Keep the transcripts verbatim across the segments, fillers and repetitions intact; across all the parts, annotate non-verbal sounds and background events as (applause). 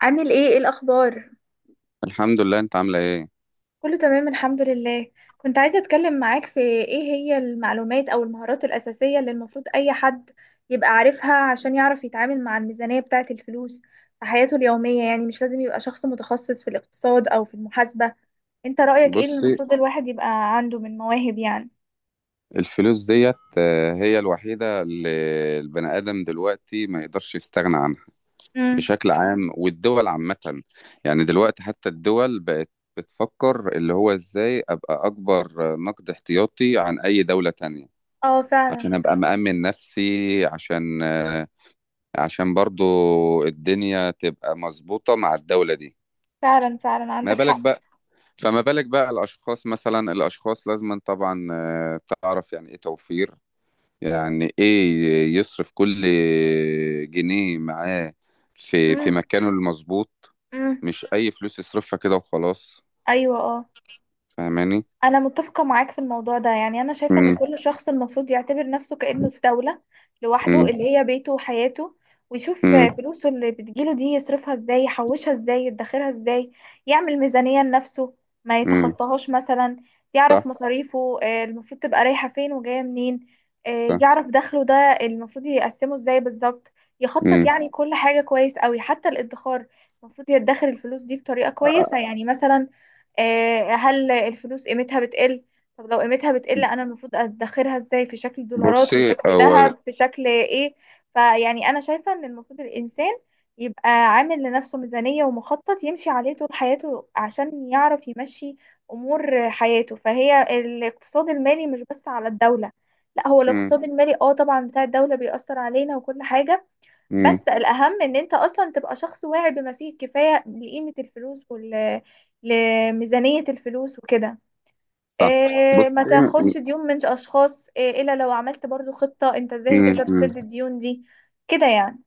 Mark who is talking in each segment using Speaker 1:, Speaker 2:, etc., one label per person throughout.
Speaker 1: عامل ايه؟ ايه الاخبار؟
Speaker 2: الحمد لله، انت عامله ايه؟
Speaker 1: كله تمام الحمد لله. كنت عايزة اتكلم معاك في ايه هي المعلومات او المهارات الاساسية اللي المفروض اي حد يبقى عارفها عشان يعرف يتعامل مع الميزانية بتاعة الفلوس في حياته اليومية. يعني مش لازم يبقى شخص متخصص في الاقتصاد او في المحاسبة. انت رأيك ايه اللي
Speaker 2: بصي.
Speaker 1: المفروض الواحد يبقى عنده من مواهب يعني؟
Speaker 2: الفلوس ديت آه، هي الوحيده اللي البني ادم دلوقتي ما يقدرش يستغنى عنها
Speaker 1: امم.
Speaker 2: بشكل عام، والدول عامه. يعني دلوقتي حتى الدول بقت بتفكر اللي هو ازاي ابقى اكبر نقد احتياطي عن اي دوله تانية،
Speaker 1: اه فعلا.
Speaker 2: عشان ابقى مأمن نفسي، عشان آه، عشان برضو الدنيا تبقى مظبوطه مع الدوله دي.
Speaker 1: فعلا فعلا
Speaker 2: ما
Speaker 1: عندك
Speaker 2: بالك
Speaker 1: حق.
Speaker 2: بقى فما بالك بقى الأشخاص، مثلا الأشخاص لازما طبعا آه، تعرف يعني إيه توفير، يعني إيه يصرف كل جنيه معاه في في
Speaker 1: امم.
Speaker 2: مكانه المظبوط،
Speaker 1: امم.
Speaker 2: مش أي فلوس يصرفها كده وخلاص.
Speaker 1: ايوه اه.
Speaker 2: فاهماني؟
Speaker 1: أنا متفقة معاك في الموضوع ده، يعني أنا شايفة إن
Speaker 2: مم.
Speaker 1: كل شخص المفروض يعتبر نفسه كأنه في دولة لوحده
Speaker 2: مم.
Speaker 1: اللي هي بيته وحياته، ويشوف
Speaker 2: مم.
Speaker 1: فلوسه اللي بتجيله دي يصرفها إزاي، يحوشها إزاي، يدخرها إزاي، يعمل ميزانية لنفسه ما
Speaker 2: مم.
Speaker 1: يتخطاهاش مثلا. يعرف
Speaker 2: صح.
Speaker 1: مصاريفه آه، المفروض تبقى رايحة فين وجاية منين. آه،
Speaker 2: صح.
Speaker 1: يعرف دخله ده المفروض يقسمه إزاي بالظبط، يخطط
Speaker 2: مم.
Speaker 1: يعني كل حاجة كويس أوي حتى الادخار. المفروض يدخر الفلوس دي بطريقة كويسة، يعني مثلا آه، هل الفلوس قيمتها بتقل؟ طب لو قيمتها بتقل انا المفروض ادخرها ازاي؟ في شكل دولارات؟ في
Speaker 2: بصي
Speaker 1: شكل
Speaker 2: هو.
Speaker 1: ذهب؟ في شكل ايه؟ فيعني انا شايفة ان المفروض الانسان يبقى عامل لنفسه ميزانية ومخطط يمشي عليه طول حياته عشان يعرف يمشي امور حياته. فهي الاقتصاد المالي مش بس على الدولة، لا هو
Speaker 2: مم.
Speaker 1: الاقتصاد المالي اه طبعا بتاع الدولة بيأثر علينا وكل حاجة.
Speaker 2: مم.
Speaker 1: بس الأهم إن أنت أصلا تبقى شخص واعي بما فيه الكفاية لقيمة الفلوس وال لميزانية الفلوس وكده.
Speaker 2: صح.
Speaker 1: إيه، ما
Speaker 2: بصي.
Speaker 1: تاخدش ديون من أشخاص، إيه، إلا لو عملت برضو خطة أنت إزاي
Speaker 2: مم.
Speaker 1: هتقدر
Speaker 2: مم.
Speaker 1: تسد الديون دي. كده يعني.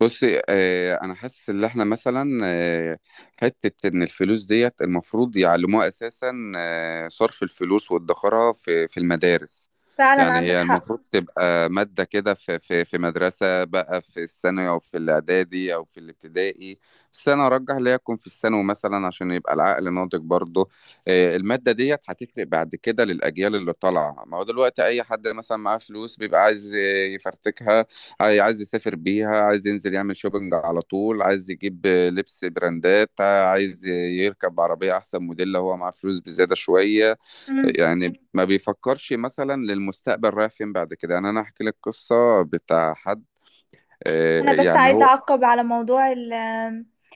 Speaker 2: بصي، آه، انا حاسس ان احنا مثلا آه، حته ان الفلوس ديت المفروض يعلموها اساسا، آه، صرف الفلوس وادخارها في في المدارس.
Speaker 1: فعلا
Speaker 2: يعني
Speaker 1: عندك
Speaker 2: هي
Speaker 1: حق.
Speaker 2: المفروض تبقى ماده كده في في في مدرسه، بقى في الثانوي او في الاعدادي او في الابتدائي، بس انا ارجح ليها تكون في الثانوي مثلا عشان يبقى العقل ناضج برضه. آه، الماده ديت هتفرق بعد كده للاجيال اللي طالعه، ما هو دلوقتي اي حد مثلا معاه فلوس بيبقى عايز آه، يفرتكها، عاي- عايز يسافر بيها، عايز ينزل يعمل شوبينج على طول، عايز يجيب لبس براندات، عايز يركب عربية أحسن موديل لو هو معاه فلوس بزيادة شوية.
Speaker 1: مم.
Speaker 2: يعني ما بيفكرش مثلا للمستقبل رايح فين بعد كده. يعني أنا أحكي لك قصة بتاع حد
Speaker 1: أنا
Speaker 2: آه،
Speaker 1: بس
Speaker 2: يعني
Speaker 1: عايزة
Speaker 2: هو.
Speaker 1: أعقب على موضوع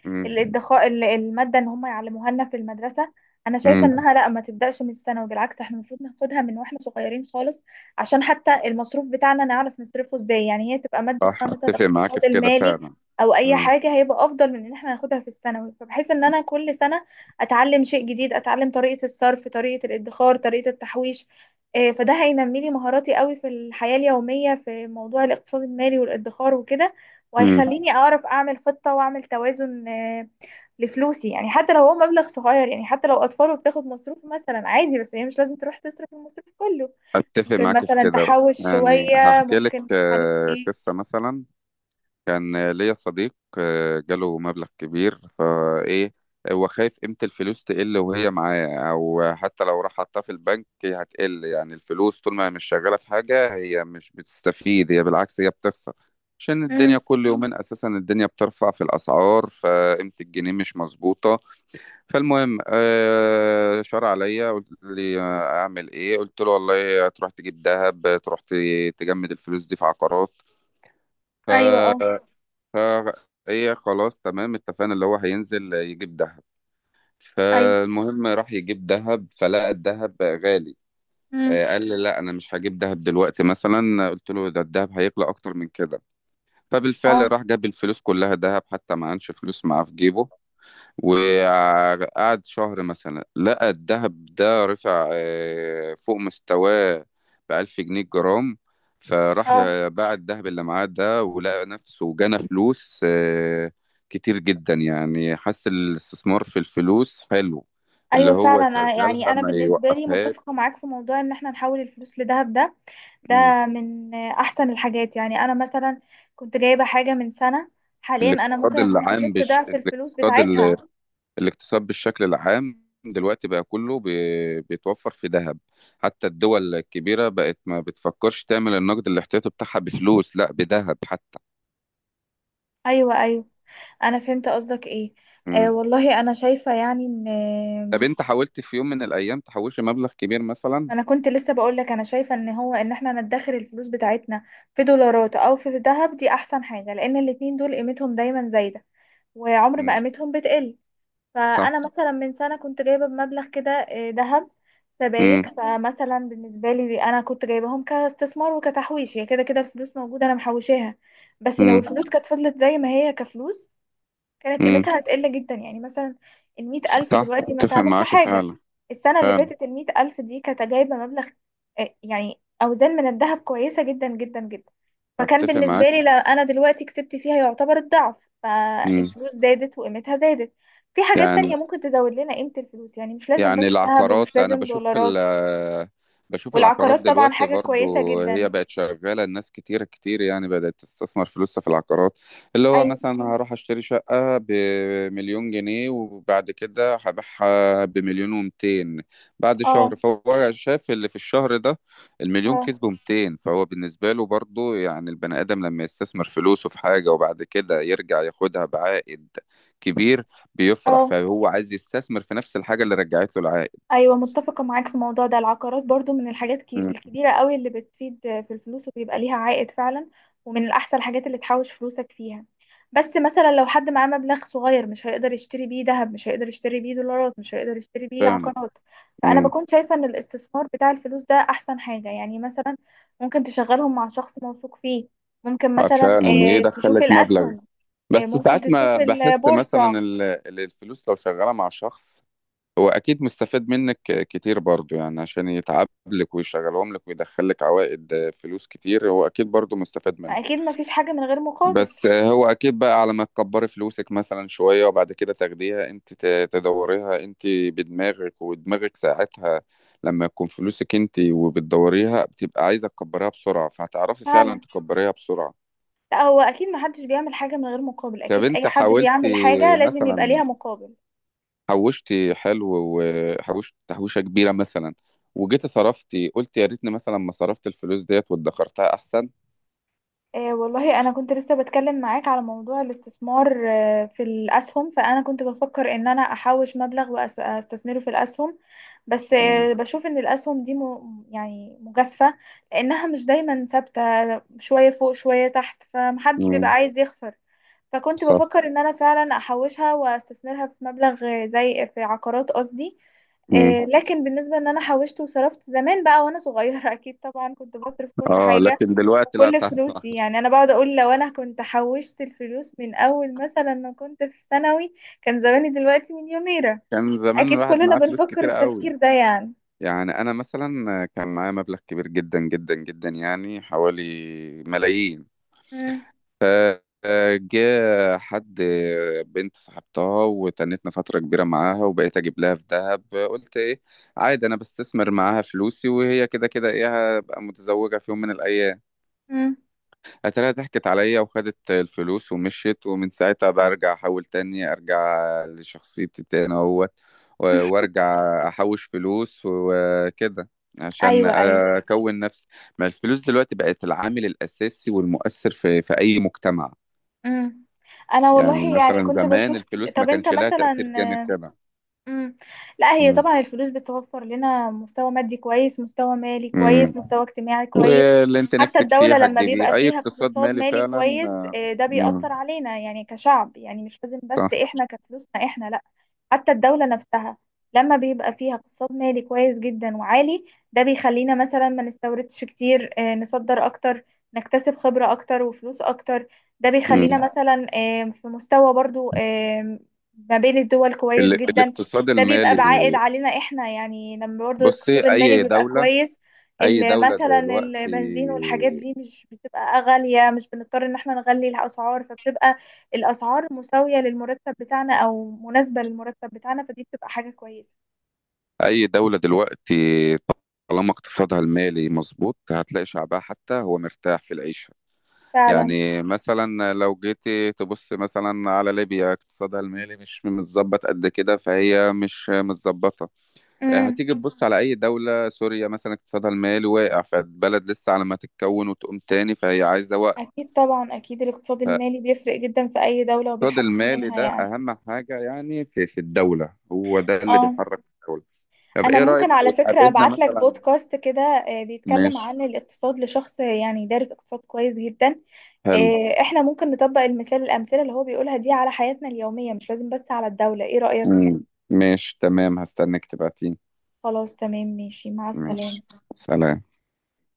Speaker 2: مم.
Speaker 1: الادخاء، ال- المادة ان هم يعلموها لنا في المدرسة. انا شايفة
Speaker 2: مم.
Speaker 1: انها لا، ما تبدأش من الثانوي، بالعكس احنا المفروض ناخدها من واحنا صغيرين خالص، عشان حتى المصروف بتاعنا نعرف نصرفه ازاي. يعني هي تبقى مادة
Speaker 2: صح،
Speaker 1: اسمها مثلا
Speaker 2: أتفق معاك
Speaker 1: الاقتصاد
Speaker 2: في كده
Speaker 1: المالي
Speaker 2: فعلا.
Speaker 1: او اي
Speaker 2: مم.
Speaker 1: حاجة، هيبقى افضل من ان احنا ناخدها في الثانوي، فبحيث ان انا كل سنة اتعلم شيء جديد، اتعلم طريقة الصرف، طريقة الادخار، طريقة التحويش. إيه، فده هينمي لي مهاراتي قوي في الحياة اليومية في موضوع الاقتصاد المالي والادخار وكده،
Speaker 2: مم.
Speaker 1: وهيخليني اعرف اعمل خطة واعمل توازن آه، لفلوسي. يعني حتى لو هو مبلغ صغير، يعني حتى لو اطفال وبتاخد مصروف مثلا عادي، بس هي مش لازم تروح تصرف المصروف كله،
Speaker 2: أتفق
Speaker 1: ممكن
Speaker 2: معاك في
Speaker 1: مثلا
Speaker 2: كده.
Speaker 1: تحوش
Speaker 2: يعني
Speaker 1: شوية،
Speaker 2: هحكي لك
Speaker 1: ممكن مش عارف
Speaker 2: آه،
Speaker 1: ايه.
Speaker 2: قصة مثلا. كان ليا صديق آه، جاله مبلغ كبير فايه، هو خايف قيمة الفلوس تقل وهي معاه، او حتى لو راح حطها في البنك هي هتقل. يعني الفلوس طول ما هي مش شغالة في حاجة هي مش بتستفيد، هي بالعكس هي بتخسر، عشان الدنيا
Speaker 1: امم.
Speaker 2: كل يومين اساسا الدنيا بترفع في الاسعار، فقيمة الجنيه مش مظبوطة. فالمهم آه، شار عليا، قلت لي آه، اعمل ايه؟ قلت له والله تروح تجيب ذهب، تروح ت- تجمد الفلوس دي في عقارات.
Speaker 1: ايوه اه.
Speaker 2: فهي خلاص تمام، اتفقنا اللي هو هينزل يجيب دهب.
Speaker 1: ايوه.
Speaker 2: فالمهم راح يجيب دهب فلقى الدهب غالي.
Speaker 1: امم.
Speaker 2: آه، قال لي لا انا مش هجيب دهب دلوقتي. مثلا قلت له ده الدهب هيغلى اكتر من كده. فبالفعل
Speaker 1: اه.
Speaker 2: راح جاب الفلوس كلها دهب، حتى ما كانش فلوس معاه في جيبه. وقعد شهر مثلا، لقى الذهب ده رفع آه، فوق مستواه بألف جنيه الجرام. فراح
Speaker 1: اه.
Speaker 2: باع الذهب اللي معاه ده، ولقى نفسه جنى فلوس آه، كتير جدا. يعني حس الاستثمار في الفلوس حلو، اللي
Speaker 1: ايوه
Speaker 2: هو
Speaker 1: فعلا. أنا- يعني
Speaker 2: يشغلها
Speaker 1: انا
Speaker 2: ما
Speaker 1: بالنسبه لي
Speaker 2: يوقفهاش.
Speaker 1: متفقه معاك في موضوع ان احنا نحول الفلوس لذهب، ده ده
Speaker 2: مم.
Speaker 1: من احسن الحاجات. يعني انا مثلا كنت جايبه حاجه من سنه، حاليا انا ممكن
Speaker 2: الاقتصاد
Speaker 1: اكون
Speaker 2: العام
Speaker 1: كسبت
Speaker 2: بش...
Speaker 1: ضعف الفلوس
Speaker 2: الاقتصاد
Speaker 1: بتاعتها.
Speaker 2: الاقتصاد بالشكل العام دلوقتي بقى كله بي- بيتوفر في ذهب. حتى الدول الكبيرة بقت ما بتفكرش تعمل النقد الاحتياطي بتاعها بفلوس، لا بذهب حتى.
Speaker 1: ايوه ايوه، انا فهمت قصدك ايه. آه
Speaker 2: مم.
Speaker 1: والله انا شايفه يعني ان
Speaker 2: طب
Speaker 1: آه،
Speaker 2: انت حاولت في يوم من الأيام تحوش مبلغ كبير مثلا؟
Speaker 1: انا كنت لسه بقول لك انا شايفه ان هو ان احنا ندخر الفلوس بتاعتنا في دولارات او في ذهب، دي احسن حاجه، لان الاتنين دول قيمتهم دايما زايده وعمر ما
Speaker 2: مم.
Speaker 1: قيمتهم بتقل.
Speaker 2: صح.
Speaker 1: فانا مثلا من سنه كنت جايبه بمبلغ كده آه، ذهب
Speaker 2: مم.
Speaker 1: سبايك. فمثلا بالنسبه لي انا كنت جايباهم كاستثمار وكتحويش، هي كده كده الفلوس موجوده انا محوشاها، بس لو
Speaker 2: مم.
Speaker 1: الفلوس كانت فضلت زي ما هي كفلوس كانت
Speaker 2: مم.
Speaker 1: قيمتها هتقل جدا. يعني مثلا المئة ألف
Speaker 2: صح،
Speaker 1: دلوقتي ما
Speaker 2: اتفق
Speaker 1: اتعملش
Speaker 2: معاك
Speaker 1: حاجة،
Speaker 2: فعلا.
Speaker 1: السنة اللي
Speaker 2: فعلا
Speaker 1: فاتت المئة ألف دي كانت جايبة مبلغ آه، يعني أوزان من الذهب كويسة جدا جدا جدا. فكان
Speaker 2: اتفق
Speaker 1: بالنسبة
Speaker 2: معاك.
Speaker 1: لي لا، أنا دلوقتي كسبت فيها يعتبر الضعف،
Speaker 2: مم.
Speaker 1: فالفلوس زادت وقيمتها زادت. في حاجات
Speaker 2: يعني
Speaker 1: تانية ممكن تزود لنا قيمة الفلوس، يعني مش لازم
Speaker 2: يعني
Speaker 1: بس ذهب ومش
Speaker 2: العقارات، انا
Speaker 1: لازم
Speaker 2: بشوف
Speaker 1: دولارات.
Speaker 2: ال بشوف العقارات
Speaker 1: والعقارات طبعا
Speaker 2: دلوقتي
Speaker 1: حاجة كويسة
Speaker 2: برضو هي
Speaker 1: جدا.
Speaker 2: بقت شغالة، الناس كتير كتير يعني بدأت تستثمر فلوسها في العقارات، اللي هو
Speaker 1: أيوة.
Speaker 2: مثلا هروح اشتري شقة بمليون جنيه وبعد كده هبيعها بمليون ومتين بعد شهر.
Speaker 1: اه.
Speaker 2: فهو شاف اللي في الشهر ده المليون
Speaker 1: اه.
Speaker 2: كسبه مئتين، فهو بالنسبة له برضو. يعني البني آدم لما يستثمر فلوسه في حاجة وبعد كده يرجع ياخدها بعائد كبير بيفرح،
Speaker 1: اه.
Speaker 2: فهو عايز يستثمر في نفس الحاجة اللي رجعت له العائد.
Speaker 1: ايوه متفقه معاك في الموضوع ده، العقارات برضو من الحاجات كي-
Speaker 2: امم.
Speaker 1: الكبيره قوي اللي بتفيد في الفلوس وبيبقى ليها عائد فعلا، ومن الاحسن الحاجات اللي تحوش فلوسك فيها. بس مثلا لو حد معاه مبلغ صغير مش هيقدر يشتري بيه ذهب، مش هيقدر يشتري بيه دولارات، مش هيقدر يشتري بيه
Speaker 2: فعلا.
Speaker 1: عقارات. فانا
Speaker 2: امم.
Speaker 1: بكون شايفه ان الاستثمار بتاع الفلوس ده احسن حاجه، يعني مثلا ممكن تشغلهم مع شخص موثوق فيه، ممكن
Speaker 2: آه،
Speaker 1: مثلا
Speaker 2: فعلا. ايه،
Speaker 1: آه، تشوف
Speaker 2: دخلك مبلغ؟
Speaker 1: الاسهم، آه،
Speaker 2: بس
Speaker 1: ممكن
Speaker 2: ساعات ما
Speaker 1: تشوف
Speaker 2: بحس
Speaker 1: البورصه.
Speaker 2: مثلا ال- ال- الفلوس لو شغالة مع شخص، هو أكيد مستفاد منك كتير برضو، يعني عشان يتعب لك ويشغلهم لك ويدخلك عوائد آه، فلوس كتير، هو أكيد برضو مستفاد
Speaker 1: ما
Speaker 2: منهم.
Speaker 1: اكيد ما فيش حاجه من غير مقابل.
Speaker 2: بس هو اكيد، بقى على ما تكبري فلوسك مثلا شوية وبعد كده تاخديها انت ت- تدوريها انت بدماغك، ودماغك ساعتها لما يكون فلوسك انت وبتدوريها، بتبقى عايزة تكبريها بسرعة، فهتعرفي فعلا
Speaker 1: فعلا،
Speaker 2: تكبريها بسرعة.
Speaker 1: لا هو اكيد محدش بيعمل حاجه من غير مقابل،
Speaker 2: طب
Speaker 1: اكيد اي
Speaker 2: انت
Speaker 1: حد
Speaker 2: حاولتي
Speaker 1: بيعمل حاجه لازم يبقى
Speaker 2: مثلا،
Speaker 1: ليها مقابل.
Speaker 2: حوشتي حلو وحوشت تحويشة كبيرة مثلا، وجيتي صرفتي قلت يا ريتني مثلا ما صرفت الفلوس ديت وادخرتها احسن؟
Speaker 1: آه والله انا كنت لسه بتكلم معاك على موضوع الاستثمار آه في الاسهم، فانا كنت بفكر ان انا احوش مبلغ واستثمره في الاسهم، بس
Speaker 2: مم.
Speaker 1: آه بشوف ان الاسهم دي م... يعني مجازفه، لانها مش دايما ثابته، شويه فوق شويه تحت، فمحدش بيبقى
Speaker 2: مم.
Speaker 1: عايز يخسر. فكنت
Speaker 2: صح.
Speaker 1: بفكر ان انا فعلا احوشها واستثمرها في مبلغ زي في عقارات قصدي.
Speaker 2: مم.
Speaker 1: آه، لكن بالنسبة ان انا حوشت وصرفت زمان بقى وانا صغيرة (laughs) اكيد طبعا كنت بصرف كل
Speaker 2: اه،
Speaker 1: حاجة
Speaker 2: لكن دلوقتي لا
Speaker 1: وكل
Speaker 2: طبعا.
Speaker 1: فلوسي. يعني انا بقعد اقول لو انا كنت حوشت الفلوس من اول مثلا ما كنت في ثانوي كان زماني دلوقتي مليونيرة.
Speaker 2: كان زمان
Speaker 1: اكيد
Speaker 2: الواحد
Speaker 1: كلنا
Speaker 2: معاه فلوس
Speaker 1: بنفكر
Speaker 2: كتير قوي.
Speaker 1: التفكير ده يعني.
Speaker 2: يعني انا مثلا كان معايا مبلغ كبير جدا جدا جدا، يعني حوالي ملايين.
Speaker 1: مم.
Speaker 2: فجاء حد، بنت صاحبتها وتنتنا فترة كبيرة معاها، وبقيت اجيب لها في دهب. قلت ايه عادي انا بستثمر معاها فلوسي، وهي كده كده ايه هبقى متزوجة في يوم من الايام.
Speaker 1: مم.
Speaker 2: اتاريها ضحكت عليا وخدت الفلوس ومشيت، ومن ساعتها برجع احاول تاني، ارجع لشخصيتي تاني اهوت، و- وارجع احوش فلوس وكده عشان
Speaker 1: ايوه ايوه.
Speaker 2: اكون نفسي. ما الفلوس دلوقتي بقت العامل الاساسي والمؤثر في في اي مجتمع.
Speaker 1: مم. انا
Speaker 2: يعني
Speaker 1: والله يعني
Speaker 2: مثلا
Speaker 1: كنت
Speaker 2: زمان
Speaker 1: بشوف.
Speaker 2: الفلوس ما
Speaker 1: طب انت
Speaker 2: كانش لها
Speaker 1: مثلا.
Speaker 2: تأثير جامد كده.
Speaker 1: مم. لا هي
Speaker 2: مم.
Speaker 1: طبعا الفلوس بتوفر لنا مستوى مادي كويس، مستوى مالي
Speaker 2: مم.
Speaker 1: كويس، مستوى اجتماعي كويس.
Speaker 2: واللي انت
Speaker 1: حتى
Speaker 2: نفسك فيه
Speaker 1: الدولة لما بيبقى
Speaker 2: هتجيبيه، اي
Speaker 1: فيها
Speaker 2: اقتصاد
Speaker 1: اقتصاد
Speaker 2: مالي
Speaker 1: مالي
Speaker 2: فعلا
Speaker 1: كويس
Speaker 2: آه،
Speaker 1: آه، ده
Speaker 2: مم.
Speaker 1: بيأثر علينا، يعني كشعب، يعني مش لازم بس
Speaker 2: صح.
Speaker 1: احنا كفلوسنا احنا، لا حتى الدولة نفسها لما بيبقى فيها اقتصاد مالي كويس جدا وعالي، ده بيخلينا مثلا ما نستوردش كتير آه، نصدر اكتر، نكتسب خبرة اكتر وفلوس اكتر. ده بيخلينا
Speaker 2: مم.
Speaker 1: مثلا آه، في مستوى برضو آه، ما بين الدول كويس
Speaker 2: ال-
Speaker 1: جدا.
Speaker 2: الاقتصاد
Speaker 1: ده بيبقى
Speaker 2: المالي.
Speaker 1: بعائد علينا احنا، يعني لما برضو
Speaker 2: بصي
Speaker 1: الاقتصاد المالي
Speaker 2: اي
Speaker 1: بيبقى
Speaker 2: دولة
Speaker 1: كويس
Speaker 2: اي
Speaker 1: ال-
Speaker 2: دولة
Speaker 1: مثلا
Speaker 2: دلوقتي
Speaker 1: البنزين والحاجات دي مش بتبقى غالية، مش بنضطر ان احنا نغلي الاسعار، فبتبقى الاسعار مساوية للمرتب بتاعنا او مناسبة للمرتب بتاعنا، فدي بتبقى حاجة كويسة.
Speaker 2: اي دولة دلوقتي طالما اقتصادها المالي مظبوط، هتلاقي شعبها حتى هو مرتاح في العيشة.
Speaker 1: فعلا.
Speaker 2: يعني مثلا لو جيتي تبص مثلا على ليبيا، اقتصادها المالي مش متظبط قد كده، فهي مش متظبطة. آه،
Speaker 1: امم.
Speaker 2: هتيجي تبص على أي دولة، سوريا مثلا، اقتصادها المالي واقع، فالبلد لسه على ما تتكون وتقوم تاني، فهي عايزة وقت.
Speaker 1: اكيد طبعا، اكيد الاقتصاد المالي بيفرق جدا في اي دولة
Speaker 2: الاقتصاد
Speaker 1: وبيحسن
Speaker 2: المالي
Speaker 1: منها
Speaker 2: ده
Speaker 1: يعني.
Speaker 2: أهم حاجة يعني في في الدولة، هو ده اللي
Speaker 1: اه،
Speaker 2: بيحرك الدولة. طب
Speaker 1: انا
Speaker 2: إيه
Speaker 1: ممكن
Speaker 2: رأيك لو
Speaker 1: على فكرة
Speaker 2: اتقابلنا
Speaker 1: ابعت لك
Speaker 2: مثلا؟
Speaker 1: بودكاست كده آه، بيتكلم
Speaker 2: ماشي.
Speaker 1: عن الاقتصاد لشخص يعني دارس اقتصاد كويس جدا.
Speaker 2: حلو.
Speaker 1: آه، احنا ممكن نطبق المثال، الأمثلة اللي هو بيقولها دي على حياتنا اليومية، مش لازم بس على الدولة. ايه رأيك؟
Speaker 2: مم. ماشي تمام، هستناك تبعتيني.
Speaker 1: خلاص تمام، ماشي، مع السلامة.
Speaker 2: ماشي. سلام.